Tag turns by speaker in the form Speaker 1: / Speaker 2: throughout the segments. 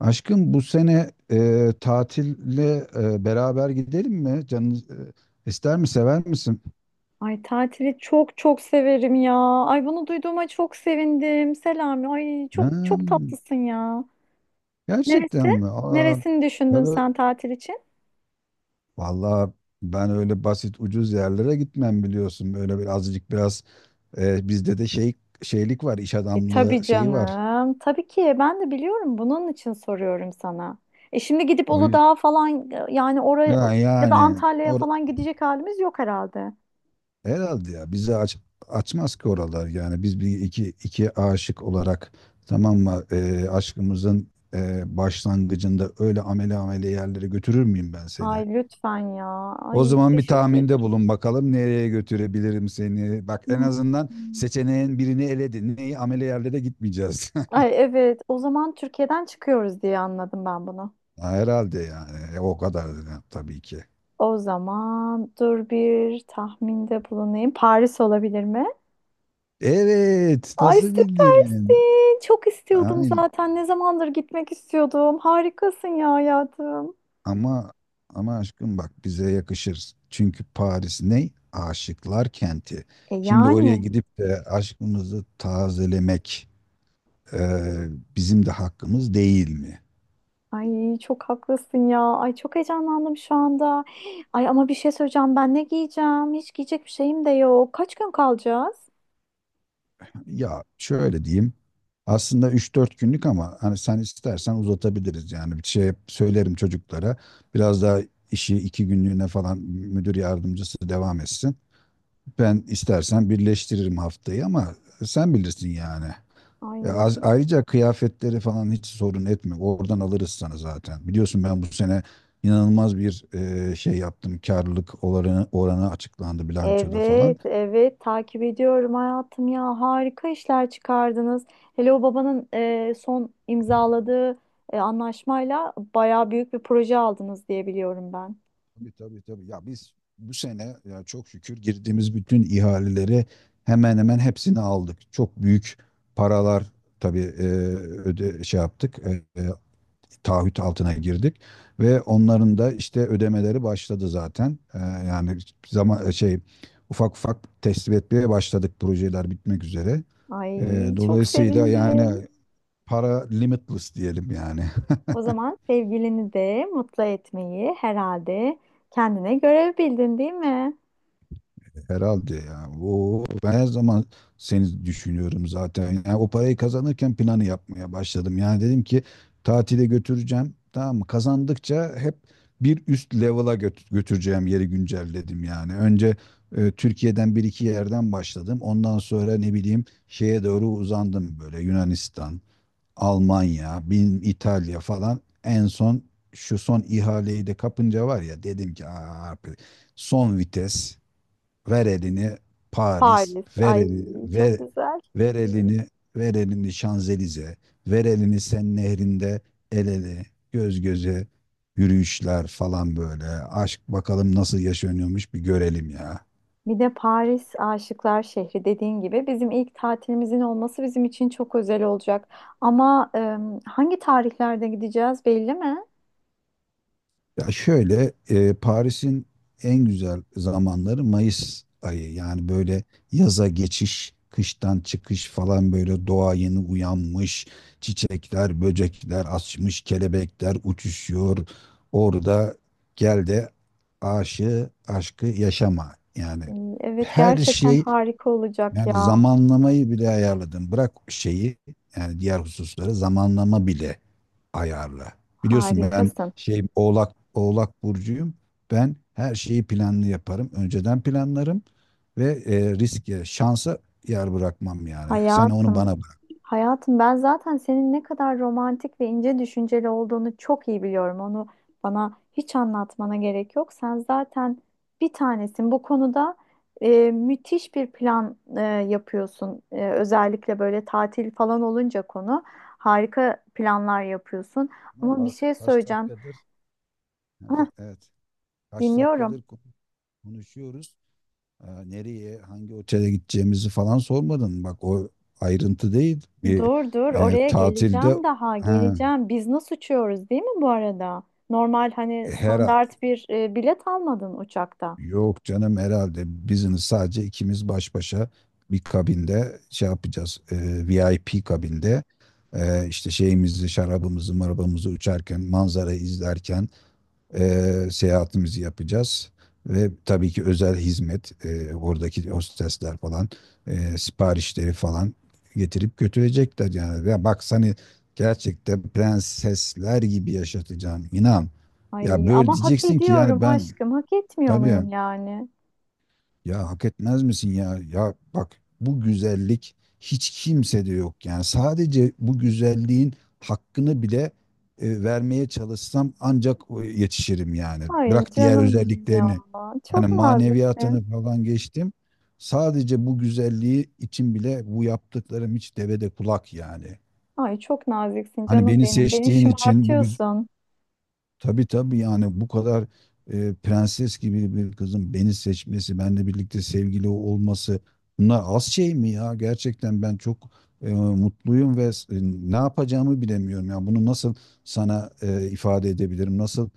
Speaker 1: Aşkım bu sene tatille beraber gidelim mi? Canın ister mi, sever misin?
Speaker 2: Ay tatili çok severim ya. Ay bunu duyduğuma çok sevindim. Selami. Ay çok
Speaker 1: Ha,
Speaker 2: çok tatlısın ya.
Speaker 1: gerçekten
Speaker 2: Neresi?
Speaker 1: mi? Aa,
Speaker 2: Neresini
Speaker 1: ya
Speaker 2: düşündün sen tatil için?
Speaker 1: vallahi ben öyle basit ucuz yerlere gitmem biliyorsun. Böyle bir azıcık biraz bizde de şey şeylik var, iş
Speaker 2: E
Speaker 1: adamlığı
Speaker 2: tabii
Speaker 1: şeyi var.
Speaker 2: canım. Tabii ki ben de biliyorum. Bunun için soruyorum sana. E şimdi gidip
Speaker 1: O yüzden
Speaker 2: Uludağ'a falan yani oraya
Speaker 1: yani,
Speaker 2: ya da
Speaker 1: yani
Speaker 2: Antalya'ya falan gidecek halimiz yok herhalde.
Speaker 1: herhalde ya bizi açmaz ki oralar yani biz bir iki aşık olarak tamam mı? Aşkımızın başlangıcında öyle amele amele yerlere götürür müyüm ben seni?
Speaker 2: Ay lütfen ya.
Speaker 1: O
Speaker 2: Ay
Speaker 1: zaman bir
Speaker 2: teşekkür
Speaker 1: tahminde
Speaker 2: ederim.
Speaker 1: bulun bakalım nereye götürebilirim seni. Bak en
Speaker 2: Hmm.
Speaker 1: azından seçeneğin birini eledin. Neyi amele yerlere gitmeyeceğiz.
Speaker 2: Ay evet. O zaman Türkiye'den çıkıyoruz diye anladım ben bunu.
Speaker 1: Ha, herhalde yani. O kadar da tabii ki.
Speaker 2: O zaman dur bir tahminde bulunayım. Paris olabilir mi?
Speaker 1: Evet,
Speaker 2: Ay
Speaker 1: nasıl bildin?
Speaker 2: süpersin. Çok istiyordum zaten. Ne zamandır gitmek istiyordum. Harikasın ya hayatım.
Speaker 1: Ama ama aşkım bak bize yakışır. Çünkü Paris ne? Aşıklar kenti.
Speaker 2: E
Speaker 1: Şimdi oraya
Speaker 2: yani.
Speaker 1: gidip de aşkımızı tazelemek e, bizim de hakkımız değil mi?
Speaker 2: Ay çok haklısın ya. Ay çok heyecanlandım şu anda. Ay ama bir şey söyleyeceğim. Ben ne giyeceğim? Hiç giyecek bir şeyim de yok. Kaç gün kalacağız?
Speaker 1: Ya şöyle diyeyim. Aslında üç dört günlük ama hani sen istersen uzatabiliriz, yani bir şey söylerim çocuklara. Biraz daha işi iki günlüğüne falan müdür yardımcısı devam etsin. Ben istersen birleştiririm haftayı ama sen bilirsin yani.
Speaker 2: Ay.
Speaker 1: Ayrıca kıyafetleri falan hiç sorun etme. Oradan alırız sana zaten. Biliyorsun ben bu sene inanılmaz bir şey yaptım. Karlılık oranı açıklandı bilançoda falan.
Speaker 2: Evet, evet takip ediyorum hayatım ya. Harika işler çıkardınız. Hele o babanın son imzaladığı anlaşmayla bayağı büyük bir proje aldınız diye biliyorum ben.
Speaker 1: Tabii tabii tabii. Ya biz bu sene ya çok şükür girdiğimiz bütün ihaleleri hemen hemen hepsini aldık. Çok büyük paralar tabii öde şey yaptık, taahhüt altına girdik ve onların da işte ödemeleri başladı zaten. Yani zaman şey ufak ufak teslim etmeye başladık, projeler bitmek üzere.
Speaker 2: Ay çok
Speaker 1: Dolayısıyla
Speaker 2: sevindim.
Speaker 1: yani para limitless diyelim yani.
Speaker 2: O zaman sevgilini de mutlu etmeyi herhalde kendine görev bildin değil mi?
Speaker 1: Herhalde ya. Oo, ben her zaman seni düşünüyorum zaten. Yani o parayı kazanırken planı yapmaya başladım. Yani dedim ki tatile götüreceğim. Tamam mı? Kazandıkça hep bir üst level'a götüreceğim yeri güncelledim yani. Önce Türkiye'den bir iki yerden başladım. Ondan sonra ne bileyim şeye doğru uzandım böyle Yunanistan, Almanya, bin İtalya falan. En son şu son ihaleyi de kapınca var ya dedim ki aa, son vites. Ver elini Paris,
Speaker 2: Paris.
Speaker 1: ver
Speaker 2: Ay
Speaker 1: eli,
Speaker 2: çok
Speaker 1: ver,
Speaker 2: güzel.
Speaker 1: ver elini, ver elini Şanzelize, ver elini Sen nehrinde el ele, göz göze yürüyüşler falan böyle. Aşk bakalım nasıl yaşanıyormuş bir görelim ya.
Speaker 2: Bir de Paris Aşıklar Şehri dediğin gibi bizim ilk tatilimizin olması bizim için çok özel olacak. Ama hangi tarihlerde gideceğiz belli mi?
Speaker 1: Ya şöyle, Paris'in en güzel zamanları Mayıs ayı. Yani böyle yaza geçiş, kıştan çıkış falan, böyle doğa yeni uyanmış. Çiçekler, böcekler açmış, kelebekler uçuşuyor. Orada gel de aşığı, aşkı yaşama. Yani
Speaker 2: E, Evet
Speaker 1: her
Speaker 2: gerçekten
Speaker 1: şey,
Speaker 2: harika olacak
Speaker 1: yani
Speaker 2: ya.
Speaker 1: zamanlamayı bile ayarladım. Bırak şeyi, yani diğer hususları, zamanlama bile ayarla. Biliyorsun ben
Speaker 2: Harikasın
Speaker 1: şey, Oğlak burcuyum. Ben her şeyi planlı yaparım. Önceden planlarım ve riske, şansa yer bırakmam yani. Sen onu
Speaker 2: hayatım.
Speaker 1: bana bırakma.
Speaker 2: Hayatım ben zaten senin ne kadar romantik ve ince düşünceli olduğunu çok iyi biliyorum. Onu bana hiç anlatmana gerek yok. Sen zaten bir tanesin. Bu konuda müthiş bir plan yapıyorsun. Özellikle böyle tatil falan olunca konu harika planlar yapıyorsun. Ama bir
Speaker 1: Bak
Speaker 2: şey
Speaker 1: kaç
Speaker 2: söyleyeceğim.
Speaker 1: dakikadır evet, kaç
Speaker 2: Dinliyorum.
Speaker 1: dakikadır konuşuyoruz. Nereye, hangi otele gideceğimizi falan sormadın. Bak o ayrıntı değil. Bir
Speaker 2: Dur oraya
Speaker 1: tatilde
Speaker 2: geleceğim daha
Speaker 1: ha,
Speaker 2: geleceğim. Biz nasıl uçuyoruz değil mi bu arada? Normal hani
Speaker 1: her
Speaker 2: standart bir bilet almadın uçakta.
Speaker 1: yok canım, herhalde bizini sadece ikimiz baş başa bir kabinde şey yapacağız. VIP kabinde işte şeyimizi, şarabımızı, marabamızı uçarken, manzarayı izlerken seyahatimizi yapacağız. Ve tabii ki özel hizmet, oradaki hostesler falan, siparişleri falan getirip götürecekler yani. Ya bak seni gerçekten prensesler gibi yaşatacağım, inan. Ya
Speaker 2: Ay
Speaker 1: böyle
Speaker 2: ama hak
Speaker 1: diyeceksin ki yani
Speaker 2: ediyorum
Speaker 1: ben
Speaker 2: aşkım. Hak etmiyor
Speaker 1: tabii,
Speaker 2: muyum yani?
Speaker 1: ya hak etmez misin ya? Ya bak bu güzellik hiç kimsede yok. Yani sadece bu güzelliğin hakkını bile vermeye çalışsam ancak yetişirim yani.
Speaker 2: Ay
Speaker 1: Bırak diğer
Speaker 2: canım benim ya.
Speaker 1: özelliklerini. Yani
Speaker 2: Çok
Speaker 1: maneviyatını
Speaker 2: naziksin.
Speaker 1: falan geçtim. Sadece bu güzelliği için bile bu yaptıklarım hiç devede kulak yani.
Speaker 2: Ay çok naziksin
Speaker 1: Hani
Speaker 2: canım
Speaker 1: beni
Speaker 2: benim. Beni
Speaker 1: seçtiğin için bu güz-
Speaker 2: şımartıyorsun.
Speaker 1: Tabii tabii, yani bu kadar prenses gibi bir kızın beni seçmesi, benimle birlikte sevgili olması, bunlar az şey mi ya? Gerçekten ben çok mutluyum ve ne yapacağımı bilemiyorum. Yani bunu nasıl sana ifade edebilirim? Nasıl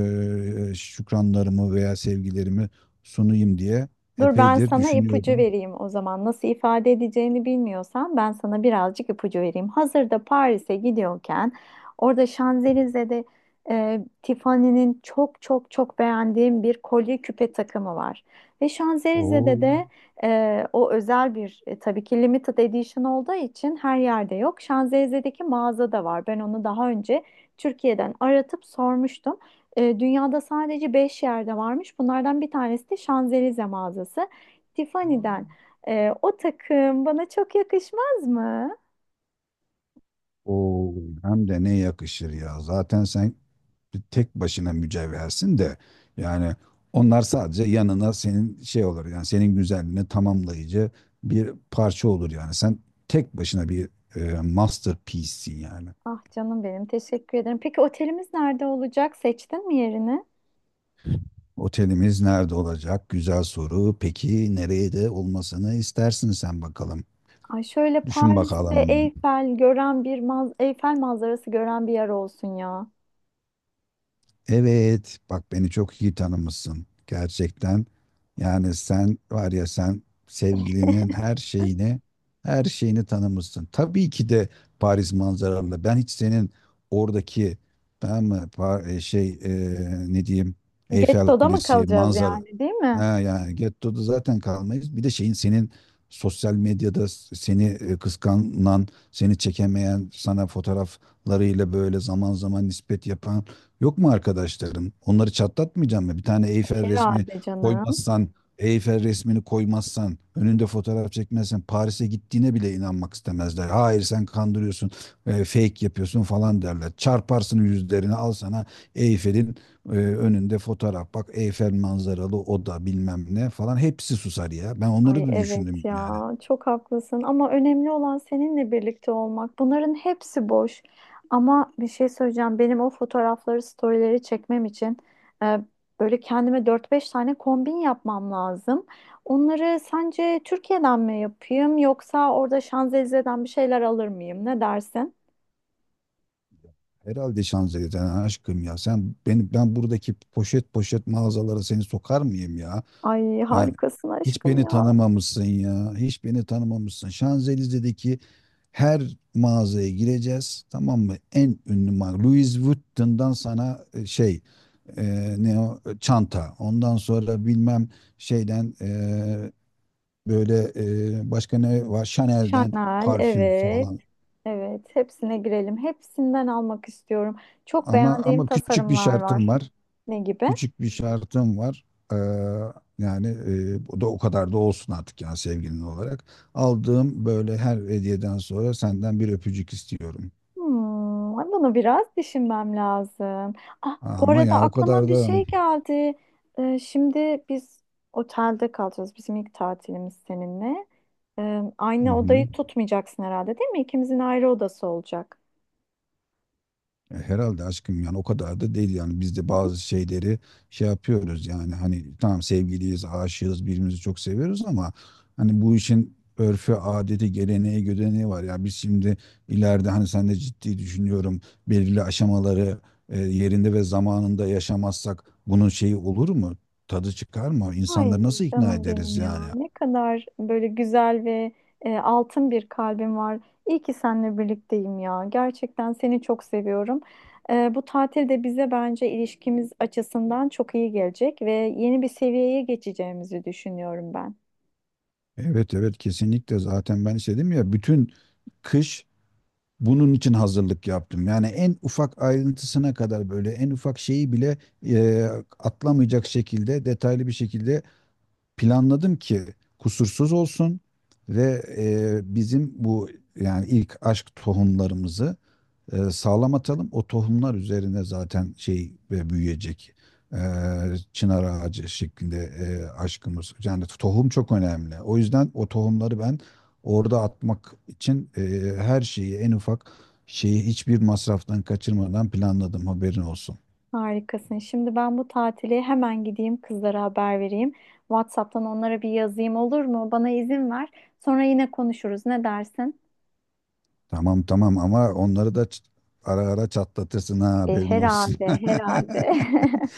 Speaker 1: şükranlarımı veya sevgilerimi sunayım diye
Speaker 2: Dur ben
Speaker 1: epeydir
Speaker 2: sana ipucu
Speaker 1: düşünüyordum.
Speaker 2: vereyim o zaman. Nasıl ifade edeceğini bilmiyorsan ben sana birazcık ipucu vereyim. Hazırda Paris'e gidiyorken orada Şanzelize'de Tiffany'nin çok beğendiğim bir kolye küpe takımı var. Ve
Speaker 1: Oo.
Speaker 2: Şanzelize'de de o özel bir tabii ki limited edition olduğu için her yerde yok. Şanzelize'deki mağazada var. Ben onu daha önce Türkiye'den aratıp sormuştum. Dünyada sadece 5 yerde varmış. Bunlardan bir tanesi de Şanzelize mağazası. Tiffany'den.
Speaker 1: Aa.
Speaker 2: O takım bana çok yakışmaz mı?
Speaker 1: Oo, hem de ne yakışır ya. Zaten sen bir tek başına mücevhersin de, yani onlar sadece yanına, senin şey olur yani, senin güzelliğini tamamlayıcı bir parça olur yani. Sen tek başına bir masterpiece'sin yani.
Speaker 2: Ah canım benim teşekkür ederim. Peki otelimiz nerede olacak? Seçtin mi yerini?
Speaker 1: Otelimiz nerede olacak? Güzel soru. Peki nereye de olmasını istersin sen bakalım.
Speaker 2: Ay şöyle
Speaker 1: Düşün
Speaker 2: Paris'te
Speaker 1: bakalım.
Speaker 2: Eyfel manzarası gören bir yer olsun ya.
Speaker 1: Evet, bak beni çok iyi tanımışsın gerçekten. Yani sen var ya, sen sevgilinin her şeyini, her şeyini tanımışsın. Tabii ki de Paris manzaralı. Ben hiç senin oradaki, tamam mı, şey, ne diyeyim, Eyfel
Speaker 2: Getto'da mı
Speaker 1: Kulesi
Speaker 2: kalacağız
Speaker 1: manzara.
Speaker 2: yani değil
Speaker 1: Ha
Speaker 2: mi?
Speaker 1: yani gettoda zaten kalmayız. Bir de şeyin, senin sosyal medyada seni kıskanan, seni çekemeyen, sana fotoğraflarıyla böyle zaman zaman nispet yapan yok mu arkadaşlarım? Onları çatlatmayacağım mı? Bir tane Eyfel resmi
Speaker 2: Herhalde canım.
Speaker 1: koymazsan, Eyfel resmini koymazsan, önünde fotoğraf çekmezsen Paris'e gittiğine bile inanmak istemezler. Hayır, sen kandırıyorsun, fake yapıyorsun falan derler. Çarparsın yüzlerini al sana Eyfel'in önünde fotoğraf. Bak Eyfel manzaralı oda, bilmem ne falan, hepsi susar ya. Ben onları
Speaker 2: Ay
Speaker 1: da
Speaker 2: evet
Speaker 1: düşündüm yani.
Speaker 2: ya çok haklısın ama önemli olan seninle birlikte olmak. Bunların hepsi boş. Ama bir şey söyleyeceğim. Benim o fotoğrafları, storyleri çekmem için e, böyle kendime dört beş tane kombin yapmam lazım. Onları sence Türkiye'den mi yapayım yoksa orada Şanzelize'den bir şeyler alır mıyım? Ne dersin?
Speaker 1: Herhalde Şanzelize'den aşkım, ya sen beni, ben buradaki poşet poşet mağazalara seni sokar mıyım ya?
Speaker 2: Ay
Speaker 1: Yani
Speaker 2: harikasın
Speaker 1: hiç
Speaker 2: aşkım
Speaker 1: beni
Speaker 2: ya.
Speaker 1: tanımamışsın ya. Hiç beni tanımamışsın. Şanzelize'deki her mağazaya gireceğiz. Tamam mı? En ünlü marka. Louis Vuitton'dan sana şey, ne o, e, çanta. Ondan sonra bilmem şeyden, böyle, başka ne var? Chanel'den
Speaker 2: Chanel
Speaker 1: parfüm
Speaker 2: evet.
Speaker 1: falan.
Speaker 2: Evet, hepsine girelim. Hepsinden almak istiyorum. Çok
Speaker 1: Ama
Speaker 2: beğendiğim
Speaker 1: ama küçük bir
Speaker 2: tasarımlar
Speaker 1: şartım
Speaker 2: var.
Speaker 1: var.
Speaker 2: Ne gibi?
Speaker 1: Küçük bir şartım var. Ee, yani bu da o kadar da olsun artık yani, sevgilin olarak. Aldığım böyle her hediyeden sonra senden bir öpücük istiyorum.
Speaker 2: Hmm, bunu biraz düşünmem lazım. Ah, bu
Speaker 1: Ama
Speaker 2: arada
Speaker 1: ya o
Speaker 2: aklıma
Speaker 1: kadar
Speaker 2: bir
Speaker 1: da...
Speaker 2: şey geldi. Şimdi biz otelde kalacağız. Bizim ilk tatilimiz seninle.
Speaker 1: Hı
Speaker 2: Aynı
Speaker 1: hı.
Speaker 2: odayı tutmayacaksın herhalde, değil mi? İkimizin ayrı odası olacak.
Speaker 1: Herhalde aşkım, yani o kadar da değil, yani biz de
Speaker 2: Hı.
Speaker 1: bazı şeyleri şey yapıyoruz yani, hani tamam sevgiliyiz, aşığız, birbirimizi çok seviyoruz ama hani bu işin örfü, adeti, geleneği, gödeneği var. Ya biz şimdi ileride, hani sen de, ciddi düşünüyorum, belirli aşamaları yerinde ve zamanında yaşamazsak bunun şeyi olur mu? Tadı çıkar mı?
Speaker 2: Ay
Speaker 1: İnsanları nasıl ikna
Speaker 2: canım benim
Speaker 1: ederiz yani?
Speaker 2: ya. Ne kadar böyle güzel ve altın bir kalbim var. İyi ki seninle birlikteyim ya. Gerçekten seni çok seviyorum. Bu tatil de bize bence ilişkimiz açısından çok iyi gelecek ve yeni bir seviyeye geçeceğimizi düşünüyorum ben.
Speaker 1: Evet evet, kesinlikle, zaten ben istedim ya. Bütün kış bunun için hazırlık yaptım. Yani en ufak ayrıntısına kadar, böyle en ufak şeyi bile e, atlamayacak şekilde detaylı bir şekilde planladım ki kusursuz olsun ve bizim bu, yani ilk aşk tohumlarımızı sağlam atalım. O tohumlar üzerine zaten şey ve büyüyecek. E, çınar ağacı şeklinde aşkımız. Yani tohum çok önemli. O yüzden o tohumları ben orada atmak için her şeyi, en ufak şeyi, hiçbir masraftan kaçırmadan planladım. Haberin olsun.
Speaker 2: Harikasın. Şimdi ben bu tatili hemen gideyim kızlara haber vereyim. WhatsApp'tan onlara bir yazayım olur mu? Bana izin ver. Sonra yine konuşuruz. Ne dersin?
Speaker 1: Tamam tamam, ama onları da ara ara çatlatırsın ha, haberin olsun.
Speaker 2: Herhalde, herhalde.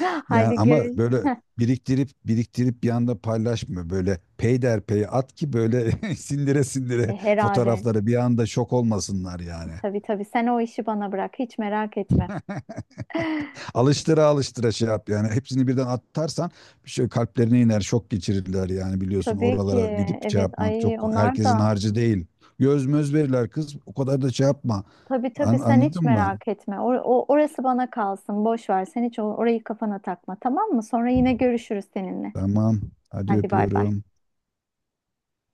Speaker 1: Yani
Speaker 2: Haydi
Speaker 1: ama
Speaker 2: görüş.
Speaker 1: böyle biriktirip biriktirip bir anda paylaşma, böyle peyderpey at ki böyle sindire sindire
Speaker 2: Herhalde.
Speaker 1: fotoğrafları, bir anda şok olmasınlar yani.
Speaker 2: Tabii tabii. Sen o işi bana bırak. Hiç merak etme.
Speaker 1: Alıştıra alıştıra şey yap, yani hepsini birden atarsan bir şey kalplerine iner, şok geçirirler yani. Biliyorsun
Speaker 2: Tabii ki.
Speaker 1: oralara gidip şey
Speaker 2: Evet.
Speaker 1: yapmak
Speaker 2: Ay
Speaker 1: çok
Speaker 2: onlar
Speaker 1: herkesin
Speaker 2: da.
Speaker 1: harcı değil. Göz möz verirler kız, o kadar da şey yapma.
Speaker 2: Tabii tabii. Sen hiç
Speaker 1: Anladın mı?
Speaker 2: merak etme. Orası bana kalsın. Boş ver. Sen hiç orayı kafana takma. Tamam mı? Sonra yine görüşürüz seninle.
Speaker 1: Tamam. Hadi
Speaker 2: Hadi bay bay.
Speaker 1: öpüyorum.